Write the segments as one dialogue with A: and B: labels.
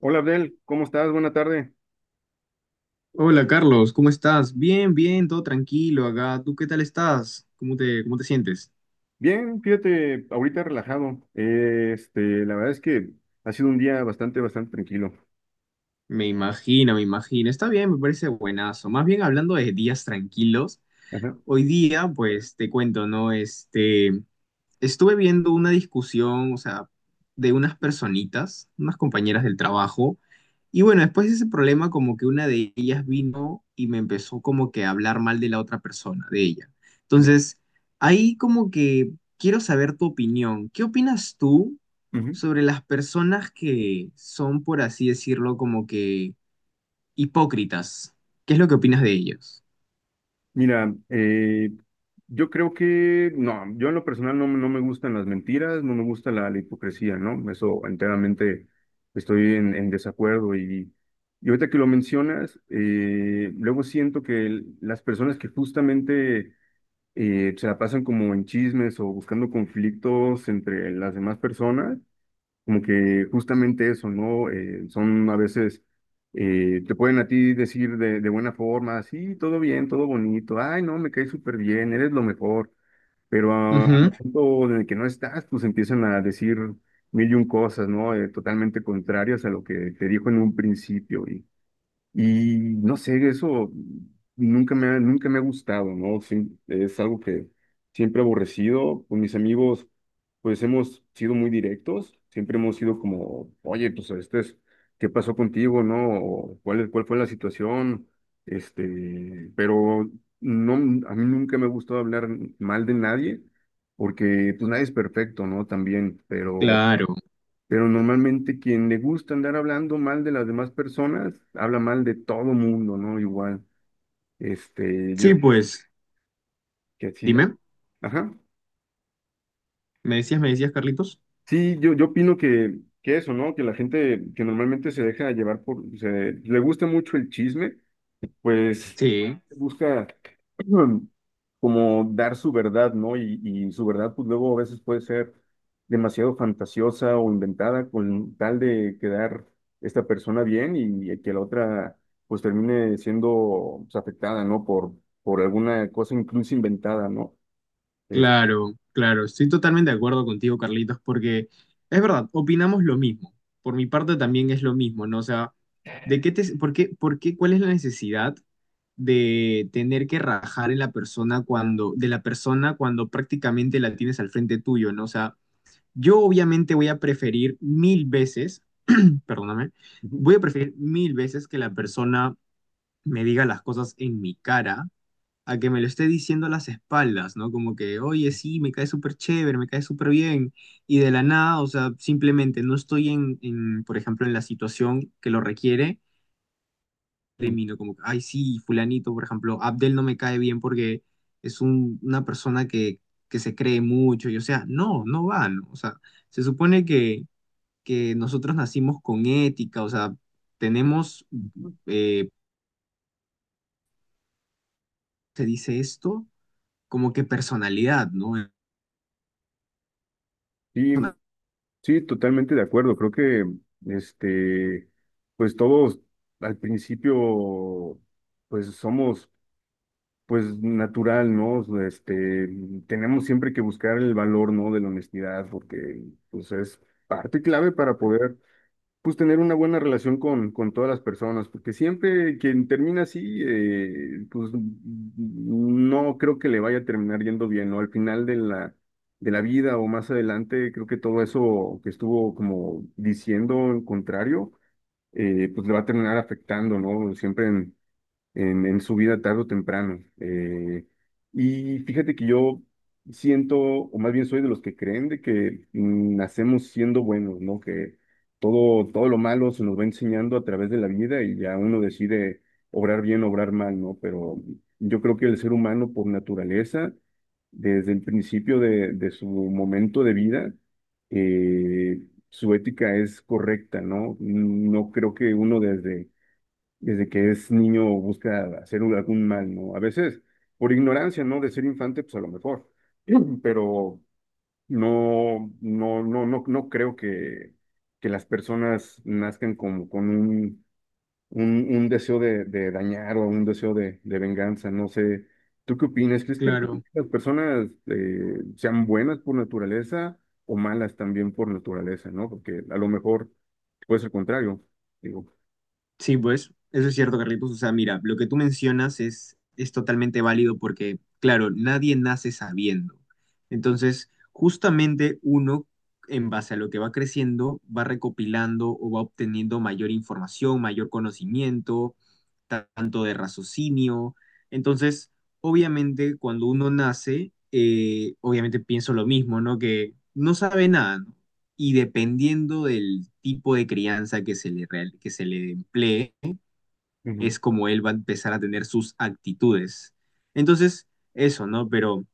A: Hola Abdel, ¿cómo estás? Buena tarde.
B: Hola Carlos, ¿cómo estás? Bien, bien, todo tranquilo acá. ¿Tú qué tal estás? Cómo te sientes?
A: Bien, fíjate, ahorita relajado. La verdad es que ha sido un día bastante tranquilo.
B: Me imagino, me imagino. Está bien, me parece buenazo. Más bien hablando de días tranquilos,
A: Ajá.
B: hoy día, pues te cuento, ¿no? Estuve viendo una discusión, o sea, de unas personitas, unas compañeras del trabajo, y bueno, después de ese problema, como que una de ellas vino y me empezó como que a hablar mal de la otra persona, de ella.
A: De-
B: Entonces, ahí como que quiero saber tu opinión. ¿Qué opinas tú
A: Ujú.
B: sobre las personas que son, por así decirlo, como que hipócritas? ¿Qué es lo que opinas de ellos?
A: Mira, yo creo que, no, yo en lo personal no, no me gustan las mentiras, no me gusta la hipocresía, ¿no? Eso enteramente estoy en desacuerdo y ahorita que lo mencionas, luego siento que las personas que justamente se la pasan como en chismes o buscando conflictos entre las demás personas, como que justamente eso, ¿no? Son a veces, te pueden a ti decir de buena forma, sí, todo bien, todo bonito, ay, no, me caes súper bien, eres lo mejor, pero a
B: Ujú,
A: al punto en el que no estás, pues empiezan a decir mil y un cosas, ¿no? Totalmente contrarias a lo que te dijo en un principio y no sé, eso nunca me ha gustado, ¿no? Sí, es algo que siempre he aborrecido. Con mis amigos, pues hemos sido muy directos, siempre hemos sido como, oye, pues este es, ¿qué pasó contigo, no? O, ¿ cuál fue la situación? Pero no, a mí nunca me ha gustado hablar mal de nadie, porque pues nadie es perfecto, ¿no? También,
B: claro.
A: pero normalmente quien le gusta andar hablando mal de las demás personas, habla mal de todo mundo, ¿no? Igual, este, yo,
B: Sí, pues,
A: que sí,
B: dime,
A: ajá.
B: me decías, Carlitos?
A: Sí, yo opino que eso, ¿no? Que la gente que normalmente se deja llevar por, se, le gusta mucho el chisme pues
B: Sí.
A: busca mm, como dar su verdad, ¿no? Y su verdad, pues luego a veces puede ser demasiado fantasiosa o inventada con tal de quedar esta persona bien y, que la otra pues termine siendo pues, afectada, ¿no? Por alguna cosa incluso inventada, ¿no? Es-
B: Claro, claro, estoy totalmente de acuerdo contigo, Carlitos, porque es verdad, opinamos lo mismo. Por mi parte también es lo mismo, ¿no? O sea, ¿de qué te, por qué, cuál es la necesidad de tener que rajar en la persona cuando, de la persona cuando prácticamente la tienes al frente tuyo, ¿no? O sea, yo obviamente voy a preferir mil veces, perdóname,
A: ujú,
B: voy a preferir mil veces que la persona me diga las cosas en mi cara a que me lo esté diciendo a las espaldas, ¿no? Como que, oye, sí, me cae súper chévere, me cae súper bien, y de la nada, o sea, simplemente no estoy en, por ejemplo, en la situación que lo requiere,
A: ujú.
B: termino como, ay, sí, fulanito, por ejemplo, Abdel no me cae bien porque una persona que se cree mucho, y o sea, no, no va, ¿no? O sea, se supone que nosotros nacimos con ética, o sea, tenemos, eh, se dice esto, como que personalidad, ¿no?
A: Sí, sí, totalmente de acuerdo. Creo que, este, pues todos al principio, pues somos pues natural, ¿no? Tenemos siempre que buscar el valor, ¿no? De la honestidad, porque pues es parte clave para poder, pues, tener una buena relación con todas las personas, porque siempre quien termina así, pues, no creo que le vaya a terminar yendo bien, ¿no? Al final de de la vida o más adelante, creo que todo eso que estuvo como diciendo en contrario, pues le va a terminar afectando, ¿no? Siempre en su vida tarde o temprano. Y fíjate que yo siento, o más bien soy de los que creen de que nacemos siendo buenos, ¿no? Que todo lo malo se nos va enseñando a través de la vida y ya uno decide obrar bien, obrar mal, ¿no? Pero yo creo que el ser humano por naturaleza, desde el principio de su momento de vida, eh, su ética es correcta, ¿no? No creo que uno desde que es niño busca hacer algún mal, ¿no? A veces por ignorancia, ¿no? De ser infante, pues a lo mejor, pero no, no, no, no, no creo que las personas nazcan con un, un deseo de dañar o un deseo de venganza, no sé. ¿Tú qué opinas? ¿Crees que
B: Claro.
A: las personas sean buenas por naturaleza o malas también por naturaleza, ¿no? Porque a lo mejor puede ser contrario, digo.
B: Sí, pues, eso es cierto, Carlitos. O sea, mira, lo que tú mencionas es totalmente válido porque, claro, nadie nace sabiendo. Entonces, justamente uno, en base a lo que va creciendo, va recopilando o va obteniendo mayor información, mayor conocimiento, tanto de raciocinio. Entonces, obviamente, cuando uno nace, obviamente pienso lo mismo, ¿no? Que no sabe nada, ¿no? Y dependiendo del tipo de crianza que se le, que se le emplee,
A: Ujú,
B: es como él va a empezar a tener sus actitudes. Entonces, eso, ¿no? Pero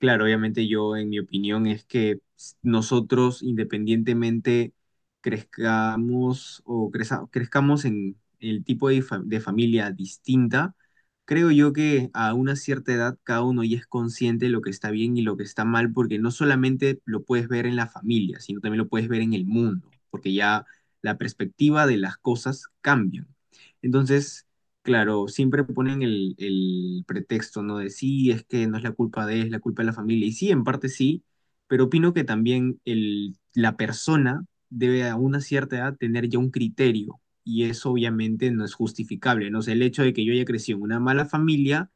B: claro, obviamente yo, en mi opinión, es que nosotros independientemente crezcamos o crezcamos en el tipo de, de familia distinta, creo yo que a una cierta edad cada uno ya es consciente de lo que está bien y lo que está mal, porque no solamente lo puedes ver en la familia, sino también lo puedes ver en el mundo, porque ya la perspectiva de las cosas cambian. Entonces... Claro, siempre ponen el pretexto, ¿no? De sí, es que no es la culpa de él, es la culpa de la familia. Y sí, en parte sí, pero opino que también la persona debe a una cierta edad tener ya un criterio. Y eso obviamente no es justificable, ¿no? O sea, el hecho de que yo haya crecido en una mala familia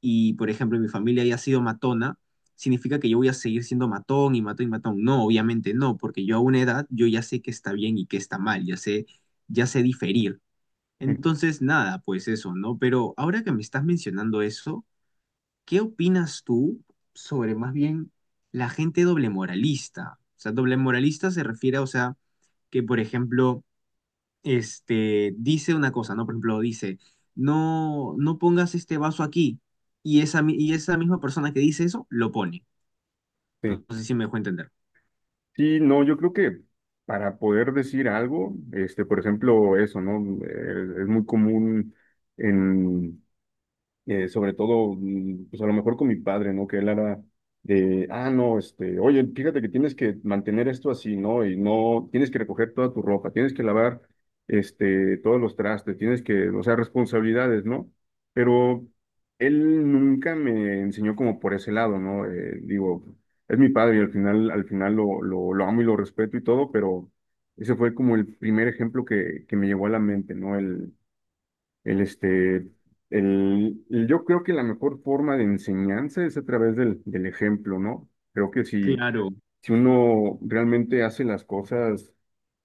B: y, por ejemplo, mi familia haya sido matona, significa que yo voy a seguir siendo matón y matón y matón. No, obviamente no, porque yo a una edad yo ya sé qué está bien y qué está mal, ya sé diferir.
A: ujú,
B: Entonces, nada, pues eso, ¿no? Pero ahora que me estás mencionando eso, ¿qué opinas tú sobre más bien la gente doble moralista? O sea, doble moralista se refiere, a, o sea, que por ejemplo, dice una cosa, ¿no? Por ejemplo, dice, no, no pongas este vaso aquí, y esa, y esa misma persona que dice eso, lo pone. No,
A: sí.
B: no sé si me dejó entender.
A: Sí, no, yo creo que para poder decir algo, este, por ejemplo, eso, ¿no? Es muy común en, sobre todo, pues a lo mejor con mi padre, ¿no? Que él era de, ah, no, este, oye, fíjate que tienes que mantener esto así, ¿no? Y no, tienes que recoger toda tu ropa, tienes que lavar, todos los trastes, tienes que, o sea, responsabilidades, ¿no? Pero él nunca me enseñó como por ese lado, ¿no? Digo, es mi padre y al final lo amo y lo respeto y todo, pero ese fue como el primer ejemplo que me llegó a la mente, ¿no? El, este, el- yo creo que la mejor forma de enseñanza es a través del, del ejemplo, ¿no? Creo que si,
B: Claro.
A: si uno realmente hace las cosas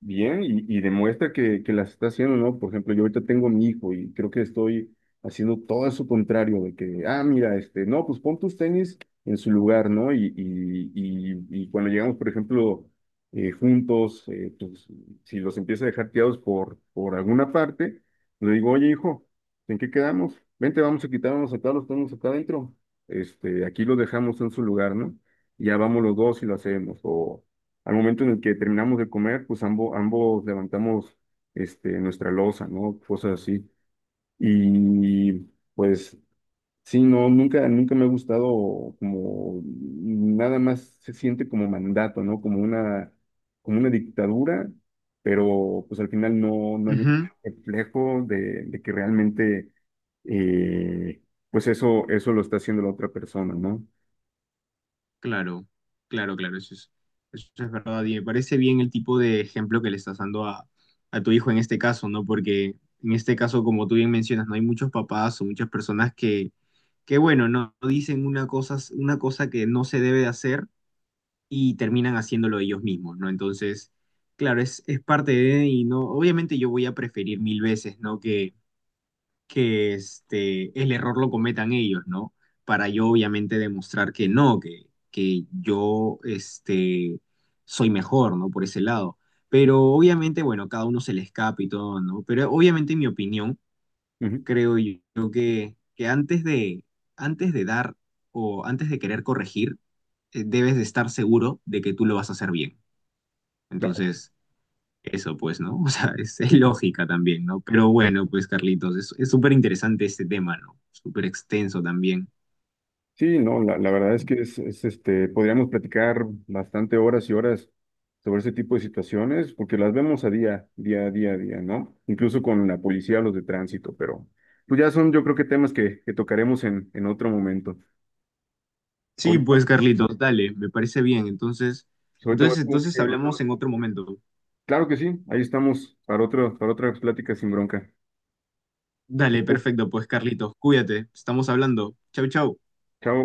A: bien y demuestra que las está haciendo, ¿no? Por ejemplo, yo ahorita tengo a mi hijo y creo que estoy haciendo todo eso contrario, de que, ah, mira, este, no, pues pon tus tenis en su lugar, ¿no? Y cuando llegamos, por ejemplo, juntos, pues, si los empieza a dejar tirados por alguna parte, le digo, oye, hijo, ¿en qué quedamos? Vente, vamos a quitarnos acá, los tenemos acá adentro. Aquí los dejamos en su lugar, ¿no? Ya vamos los dos y lo hacemos. O al momento en el que terminamos de comer, pues ambos levantamos nuestra loza, ¿no? Cosas así. Y pues sí, no, nunca me ha gustado como nada más se siente como mandato, ¿no? Como una dictadura, pero pues al final no, no hay un
B: Ujú.
A: reflejo de que realmente eh, pues eso lo está haciendo la otra persona, ¿no?
B: Claro, claro, claro, eso es verdad. Y me parece bien el tipo de ejemplo que le estás dando a tu hijo en este caso, ¿no? Porque en este caso, como tú bien mencionas, no hay muchos papás o muchas personas que bueno, no no dicen una cosa que no se debe de hacer y terminan haciéndolo ellos mismos, ¿no? Entonces, claro, es parte de, y no, obviamente yo voy a preferir mil veces, ¿no? Que este, el error lo cometan ellos, ¿no? Para yo obviamente demostrar que no, que yo este, soy mejor, ¿no? Por ese lado. Pero obviamente, bueno, cada uno se le escapa y todo, ¿no? Pero obviamente en mi opinión,
A: Ujú,
B: creo yo que antes de dar o antes de querer corregir, debes de estar seguro de que tú lo vas a hacer bien.
A: claro.
B: Entonces, eso pues, ¿no? O sea, es lógica también, ¿no? Pero bueno, pues Carlitos, es súper interesante este tema, ¿no? Súper extenso también.
A: Sí, no, la verdad es que podríamos platicar bastante horas y horas sobre ese tipo de situaciones, porque las vemos a día, día, día, día, ¿no? Incluso con la policía, los de tránsito, pero pues ya son, yo creo que temas que tocaremos en otro momento.
B: Sí,
A: Ahorita,
B: pues Carlitos, dale, me parece bien. Entonces,
A: ahorita voy
B: entonces,
A: como
B: entonces
A: que,
B: hablamos en otro momento.
A: claro que sí, ahí estamos para otro, para otra plática sin bronca.
B: Dale, perfecto, pues Carlitos, cuídate, estamos hablando. Chau, chau.
A: Chao.